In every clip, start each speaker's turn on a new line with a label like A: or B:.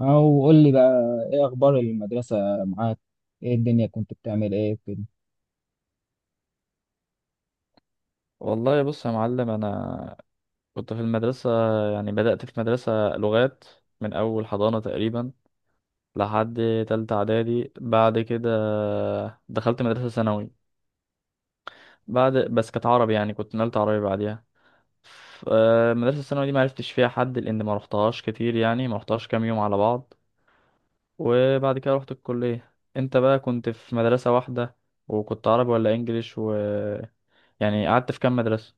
A: او قول لي بقى، ايه اخبار المدرسه؟ معاك؟ ايه الدنيا، كنت بتعمل ايه كده؟
B: والله بص يا معلم، انا كنت في المدرسه. يعني بدات في مدرسه لغات من اول حضانه تقريبا لحد تالتة اعدادي. بعد كده دخلت مدرسه ثانوي، بعد بس كانت عربي. يعني كنت نقلت عربي بعديها. المدرسه الثانوي دي ما عرفتش فيها حد لان ما رحتهاش كتير، يعني ما رحتهاش كام يوم على بعض. وبعد كده رحت الكليه. انت بقى كنت في مدرسه واحده؟ وكنت عربي ولا انجليش و يعني قعدت في كام مدرسه؟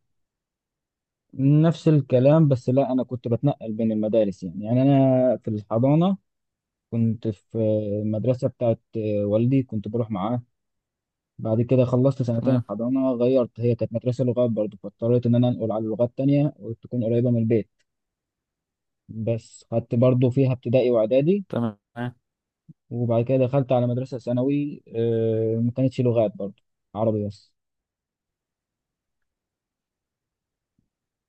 A: نفس الكلام، بس لا، انا كنت بتنقل بين المدارس يعني انا في الحضانه كنت في المدرسه بتاعت والدي، كنت بروح معاه. بعد كده خلصت سنتين
B: تمام
A: الحضانه، غيرت، هي كانت مدرسه لغات برضه، فاضطريت ان انا انقل على لغات تانية وتكون قريبه من البيت. بس خدت برضه فيها ابتدائي واعدادي،
B: تمام
A: وبعد كده دخلت على مدرسه ثانوي، ما كانتش لغات برضه، عربي بس.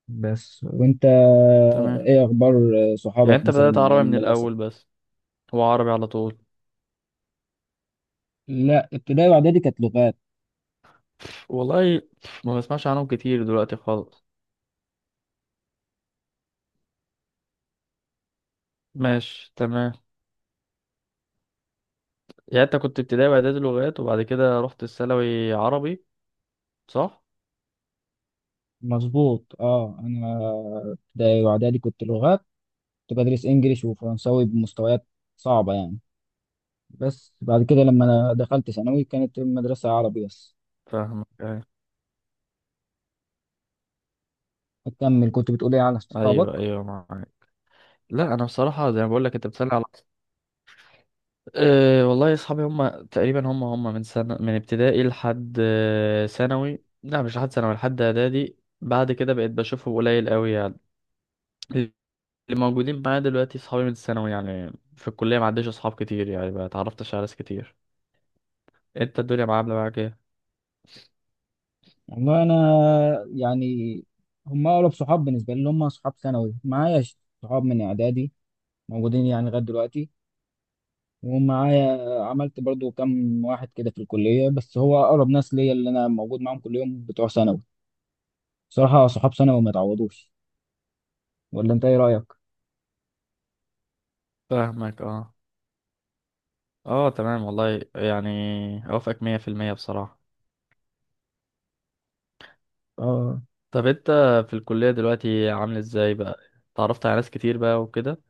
A: بس وانت،
B: تمام.
A: ايه اخبار
B: يعني
A: صحابك
B: انت
A: مثلا
B: بدأت
A: من ايام
B: عربي من
A: المدرسه؟
B: الأول بس؟ هو عربي على طول.
A: لا، ابتدائي واعدادي كانت لغات.
B: والله ما بسمعش عنهم كتير دلوقتي خالص. ماشي تمام. يعني انت كنت ابتدائي وإعدادي لغات وبعد كده رحت الثانوي عربي، صح؟
A: مظبوط، اه، انا ابتدائي واعدادي كنت لغات، كنت بدرس انجليش وفرنساوي بمستويات صعبه يعني. بس بعد كده لما انا دخلت ثانوي كانت المدرسه عربي بس.
B: فاهمك، أيوة.
A: اكمل، كنت بتقول ايه على صحابك؟
B: أيوه أيوه، معاك. لا أنا بصراحة زي ما بقول لك، أنت بتسألني على، والله أصحابي هم تقريبا هم من سنة من ابتدائي لحد ثانوي. لا مش لحد ثانوي، لحد إعدادي. بعد كده بقيت بشوفهم قليل قوي يعني. اللي موجودين معايا دلوقتي صحابي من الثانوي، يعني في الكلية ما عنديش أصحاب كتير، يعني ما اتعرفتش على ناس كتير. أنت الدنيا معاملة معاك إيه؟
A: والله انا يعني، هم اقرب صحاب بالنسبه لي اللي هم صحاب ثانوي معايا، صحاب من اعدادي موجودين يعني لغايه دلوقتي ومعايا. عملت برضو كام واحد كده في الكلية، بس هو أقرب ناس ليا اللي أنا موجود معاهم كل يوم بتوع ثانوي. صراحة، صحاب ثانوي ما يتعوضوش. ولا أنت إيه رأيك؟
B: فاهمك، أه. أه تمام، والله يعني أوافقك 100% بصراحة.
A: آه.
B: طب أنت في الكلية دلوقتي عامل إزاي بقى؟ اتعرفت على ناس كتير بقى وكده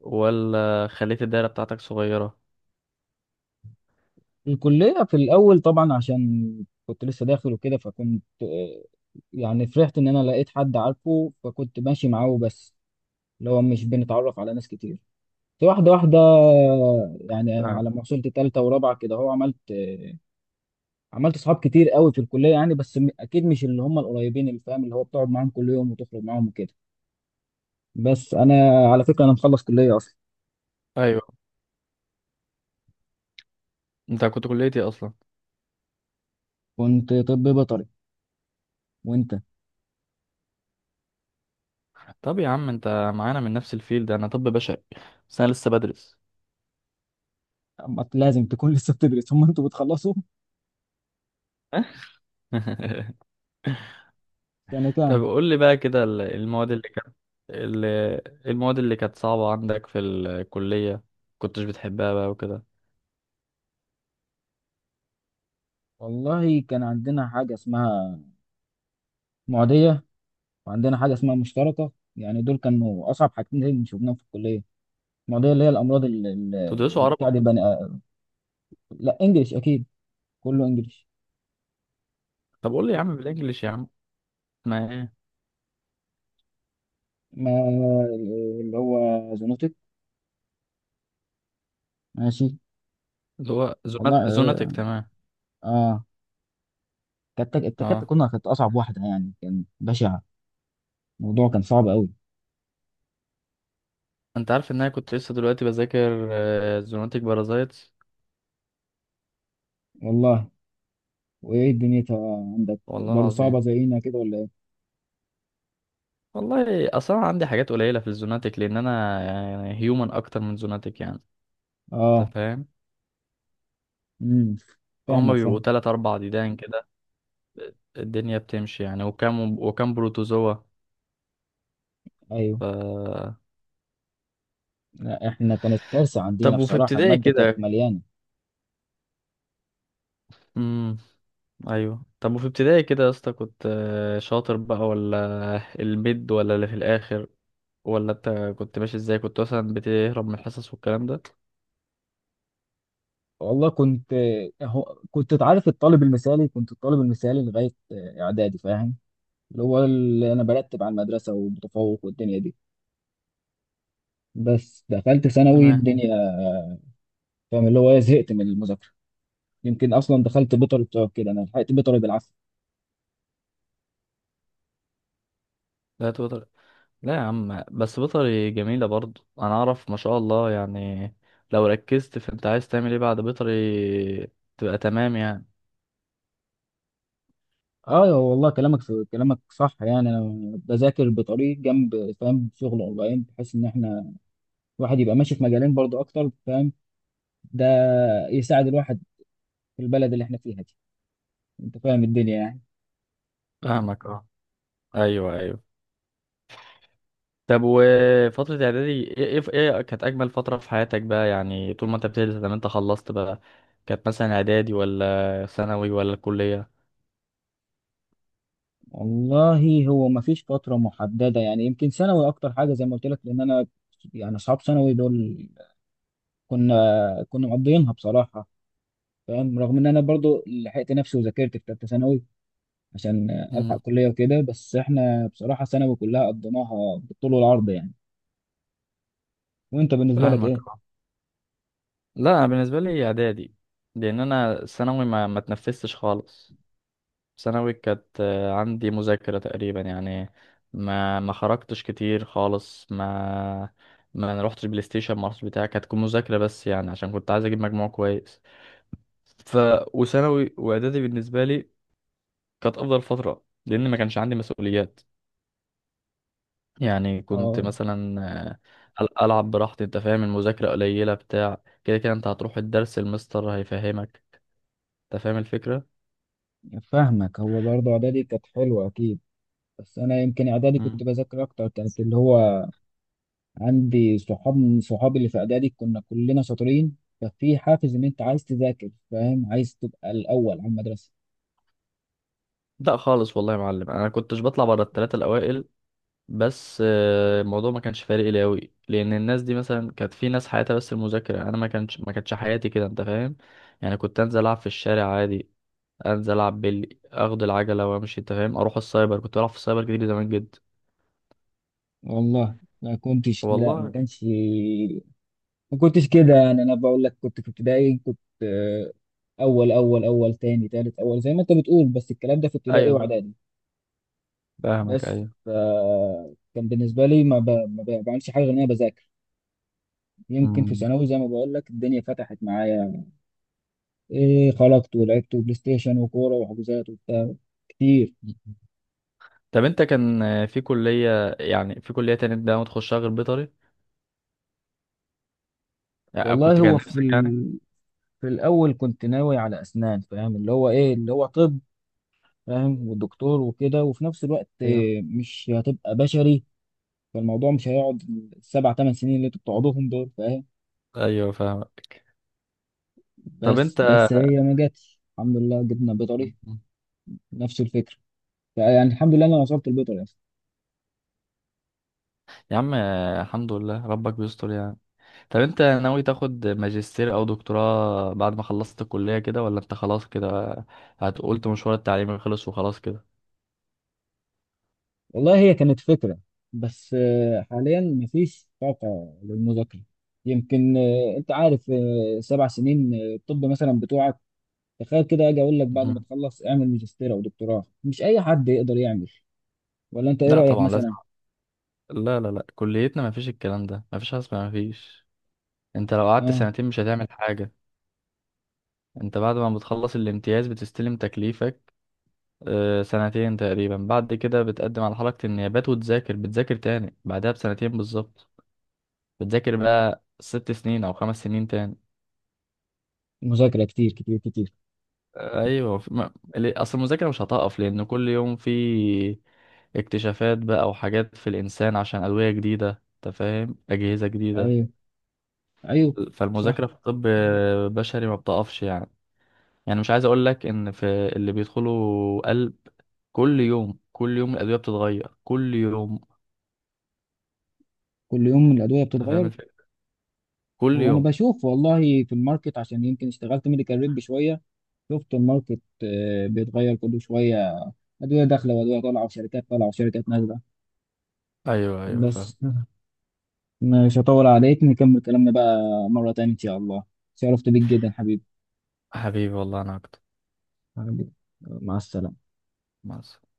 B: ولا خليت الدايرة بتاعتك صغيرة؟
A: الكلية في الأول طبعا، عشان كنت لسه داخل وكده، فكنت يعني فرحت إن أنا لقيت حد عارفه، فكنت ماشي معاه بس، اللي هو مش بنتعرف على ناس كتير، بس واحدة واحدة يعني. على
B: فاهم.
A: ما وصلت تالتة ورابعة كده، هو عملت صحاب كتير قوي في الكليه يعني. بس اكيد مش اللي هم القريبين، اللي فاهم اللي هو بتقعد معاهم كل يوم وتخرج معاهم وكده. بس انا على فكره انا مخلص كليه اصلا.
B: أيوه. أنت كنت كليتي أصلا.
A: كنت طب بيطري، وانت؟
B: طب يا عم أنت معانا من نفس الفيلد، أنا طب بشري بس أنا لسه بدرس.
A: أما لازم تكون لسه بتدرس هم انتوا بتخلصوا سنه كام؟
B: طب قول لي بقى كده ال- المواد اللي كانت صعبة عندك في الكلية، كنتش بتحبها بقى وكده؟
A: والله كان عندنا حاجه اسمها معديه، وعندنا حاجه اسمها مشتركه، يعني دول كانوا اصعب حاجتين شفناهم في الكليه. المعديه اللي هي الامراض،
B: تدرسوا
A: اللي
B: عربي؟
A: بتاع دي بني. لا، انجلش اكيد، كله انجلش.
B: طب قول لي يا عم بالانجلش يا عم. ما ايه
A: ما اللي هو زونوتك، ماشي.
B: اللي هو
A: والله،
B: زوناتك. تمام.
A: اه، كانت كانت
B: اه،
A: كنا كانت اصعب واحده يعني، كان بشع الموضوع، كان صعب قوي.
B: انت عارف ان انا كنت لسه دلوقتي بذاكر زوناتك بارازايتس؟
A: والله، وايه الدنيا عندك
B: والله
A: برضه
B: العظيم،
A: صعبه زينا كده ولا ايه؟
B: والله اصلا عندي حاجات قليلة في الزوناتك لان انا يعني هيومن اكتر من زوناتك يعني، انت
A: اه.
B: فاهم.
A: امم
B: هما
A: فاهمك
B: بيبقوا
A: فاهم.
B: 3 4 ديدان كده الدنيا بتمشي يعني، وكام وكام بروتوزوا.
A: ايوه. لا، احنا كانت كارثه عندنا
B: طب وفي
A: بصراحه،
B: ابتدائي
A: الماده كانت
B: كده،
A: مليانه.
B: امم ايوه طب وفي ابتدائي كده يا اسطى كنت شاطر بقى ولا الميد ولا اللي في الاخر؟ ولا انت كنت ماشي ازاي، كنت مثلا بتهرب من الحصص والكلام ده؟
A: والله كنت تعرف الطالب المثالي، كنت الطالب المثالي لغايه اعدادي فاهم، اللي هو اللي انا برتب على المدرسه ومتفوق والدنيا دي. بس دخلت ثانوي،
B: تمام.
A: الدنيا، فاهم، اللي هو إيه، زهقت من المذاكره. يمكن اصلا دخلت بيطري بسبب كده، انا لحقت بيطري بالعافيه.
B: لا توتر. لا يا عم، بس بيطري جميلة برضو، انا اعرف ما شاء الله يعني. لو ركزت في انت عايز تعمل ايه بعد بيطري تبقى تمام يعني.
A: اه والله، كلامك صح يعني. انا بذاكر بطريق جنب، فاهم، شغل اونلاين، بحيث ان احنا الواحد يبقى ماشي في مجالين برضو اكتر، فاهم؟ ده يساعد الواحد في البلد اللي احنا فيها دي، انت فاهم الدنيا يعني.
B: فاهمك، اه. ايوه ايوه. طب وفترة إعدادي إيه كانت أجمل فترة في حياتك بقى؟ يعني طول ما أنت بتدرس لما أنت خلصت بقى، كانت مثلا إعدادي ولا ثانوي ولا الكلية؟
A: والله، هو ما فيش فتره محدده يعني، يمكن ثانوي اكتر حاجه زي ما قلت لك. لان انا يعني اصحاب ثانوي دول، كنا مقضيينها بصراحه، فاهم، رغم ان انا برضو لحقت نفسي وذاكرت في ثالثه ثانوي عشان الحق
B: مم.
A: كليه وكده. بس احنا بصراحه ثانوي كلها قضيناها بالطول والعرض يعني. وانت بالنسبه لك
B: فاهمك،
A: ايه؟
B: أه. لا أنا بالنسبة لي إعدادي. لأن أنا ثانوي ما تنفستش خالص. ثانوي كانت عندي مذاكرة تقريبا يعني. ما خرجتش كتير خالص. ما رحتش بلاي ستيشن، ما رحتش بتاع. كانت تكون مذاكرة بس يعني عشان كنت عايز أجيب مجموع كويس. ف وثانوي واعدادي بالنسبه لي كانت افضل فتره لان ما كانش عندي مسؤوليات. يعني كنت
A: اه،
B: مثلا العب براحتي. انت فاهم، المذاكره قليله بتاع كده كده. انت هتروح الدرس، المستر هيفهمك، انت فاهم الفكره.
A: فاهمك. هو برضه اعدادي كانت حلوه اكيد، بس انا يمكن اعدادي كنت
B: مم.
A: بذاكر اكتر، كانت اللي هو عندي صحاب من صحابي اللي في اعدادي كنا كلنا شاطرين، ففي حافز ان انت عايز تذاكر، فاهم، عايز تبقى الاول على المدرسه.
B: لا خالص، والله يا معلم انا كنتش بطلع بره الثلاثه الاوائل. بس الموضوع ما كانش فارق لي قوي. لان الناس دي مثلا، كانت في ناس حياتها بس المذاكره، انا ما كانتش حياتي كده، انت فاهم. يعني كنت انزل العب في الشارع عادي. انزل العب بالي، اخد العجله وامشي. انت فاهم، اروح السايبر، كنت بلعب في السايبر كتير زمان جدا.
A: والله ما كنتش، لا، ما
B: والله.
A: كانش ما كنتش كده يعني. انا بقول لك كنت في ابتدائي، كنت اول، اول اول، تاني، تالت، اول، زي ما انت بتقول. بس الكلام ده في ابتدائي
B: ايوه
A: واعدادي.
B: فاهمك.
A: بس
B: ايوه.
A: ف، كان بالنسبه لي ما, بعملش حاجه غير ان انا بذاكر. يمكن في
B: مم.
A: ثانوي زي ما بقول لك الدنيا فتحت معايا، إيه، خرجت ولعبت بلاي ستيشن وكوره وحجوزات وبتاع كتير.
B: طب انت كان في كلية، يعني في كلية تانية انت ما تخشها غير بيطري؟ يعني
A: والله
B: كنت كان
A: هو
B: نفسك يعني.
A: في الاول كنت ناوي على اسنان، فاهم اللي هو ايه، اللي هو طب، فاهم، والدكتور وكده. وفي نفس الوقت
B: ايوه
A: مش هتبقى بشري، فالموضوع مش هيقعد السبع ثمان سنين اللي انتوا بتقعدوهم دول فاهم.
B: ايوه فاهمك. طب
A: بس
B: انت
A: بس هي ما جاتش، الحمد لله جبنا بيطري، نفس الفكره، فيعني الحمد لله انا وصلت البيطري اصلا.
B: يا عم الحمد لله، ربك بيستر يعني. طب انت ناوي تاخد ماجستير او دكتوراه بعد ما خلصت الكلية كده، ولا انت خلاص كده هتقولت مشوار التعليمي خلص وخلاص كده؟
A: والله هي كانت فكره، بس حاليا مفيش طاقه للمذاكره. يمكن انت عارف، 7 سنين، الطب مثلا بتوعك، تخيل كده اجي اقول لك بعد ما
B: مهم.
A: تخلص اعمل ماجستير او دكتوراه، مش اي حد يقدر يعمل. ولا انت ايه
B: لا
A: رايك
B: طبعا لازم.
A: مثلا؟
B: لا لا لا، كليتنا ما فيش الكلام ده، ما فيش حاجة اسمها ما فيش. انت لو قعدت
A: اه.
B: سنتين مش هتعمل حاجة. انت بعد ما بتخلص الامتياز بتستلم تكليفك، سنتين تقريبا. بعد كده بتقدم على حركة النيابات وتذاكر، بتذاكر تاني بعدها بسنتين بالظبط. بتذاكر بقى 6 سنين او 5 سنين تاني.
A: مذاكره كتير كتير كتير.
B: آه، ايوه في- ما... ليه- اصل المذاكرة مش هتقف لان كل يوم في اكتشافات بقى وحاجات في الانسان، عشان ادوية جديدة، انت فاهم، اجهزة جديدة.
A: ايوه ايوه. صح،
B: فالمذاكرة في الطب بشري ما بتقفش يعني مش عايز اقول لك ان في اللي بيدخلوا قلب. كل يوم كل يوم الأدوية بتتغير كل يوم.
A: كل يوم الأدوية
B: أنت فاهم
A: بتتغير.
B: الفكرة، كل
A: هو انا
B: يوم.
A: بشوف والله في الماركت، عشان يمكن اشتغلت ميديكال ريب شويه، شفت الماركت بيتغير كل شويه، ادويه داخله وادويه طالعه وشركات طالعه وشركات نازله.
B: أيوه أيوه فاهم.
A: بس مش هطول عليك، نكمل كلامنا بقى مره تانية ان شاء الله. شرفت بيك جدا حبيبي.
B: حبيبي والله أنا أكتر.
A: حبيبي، مع السلامة.
B: مع السلامة.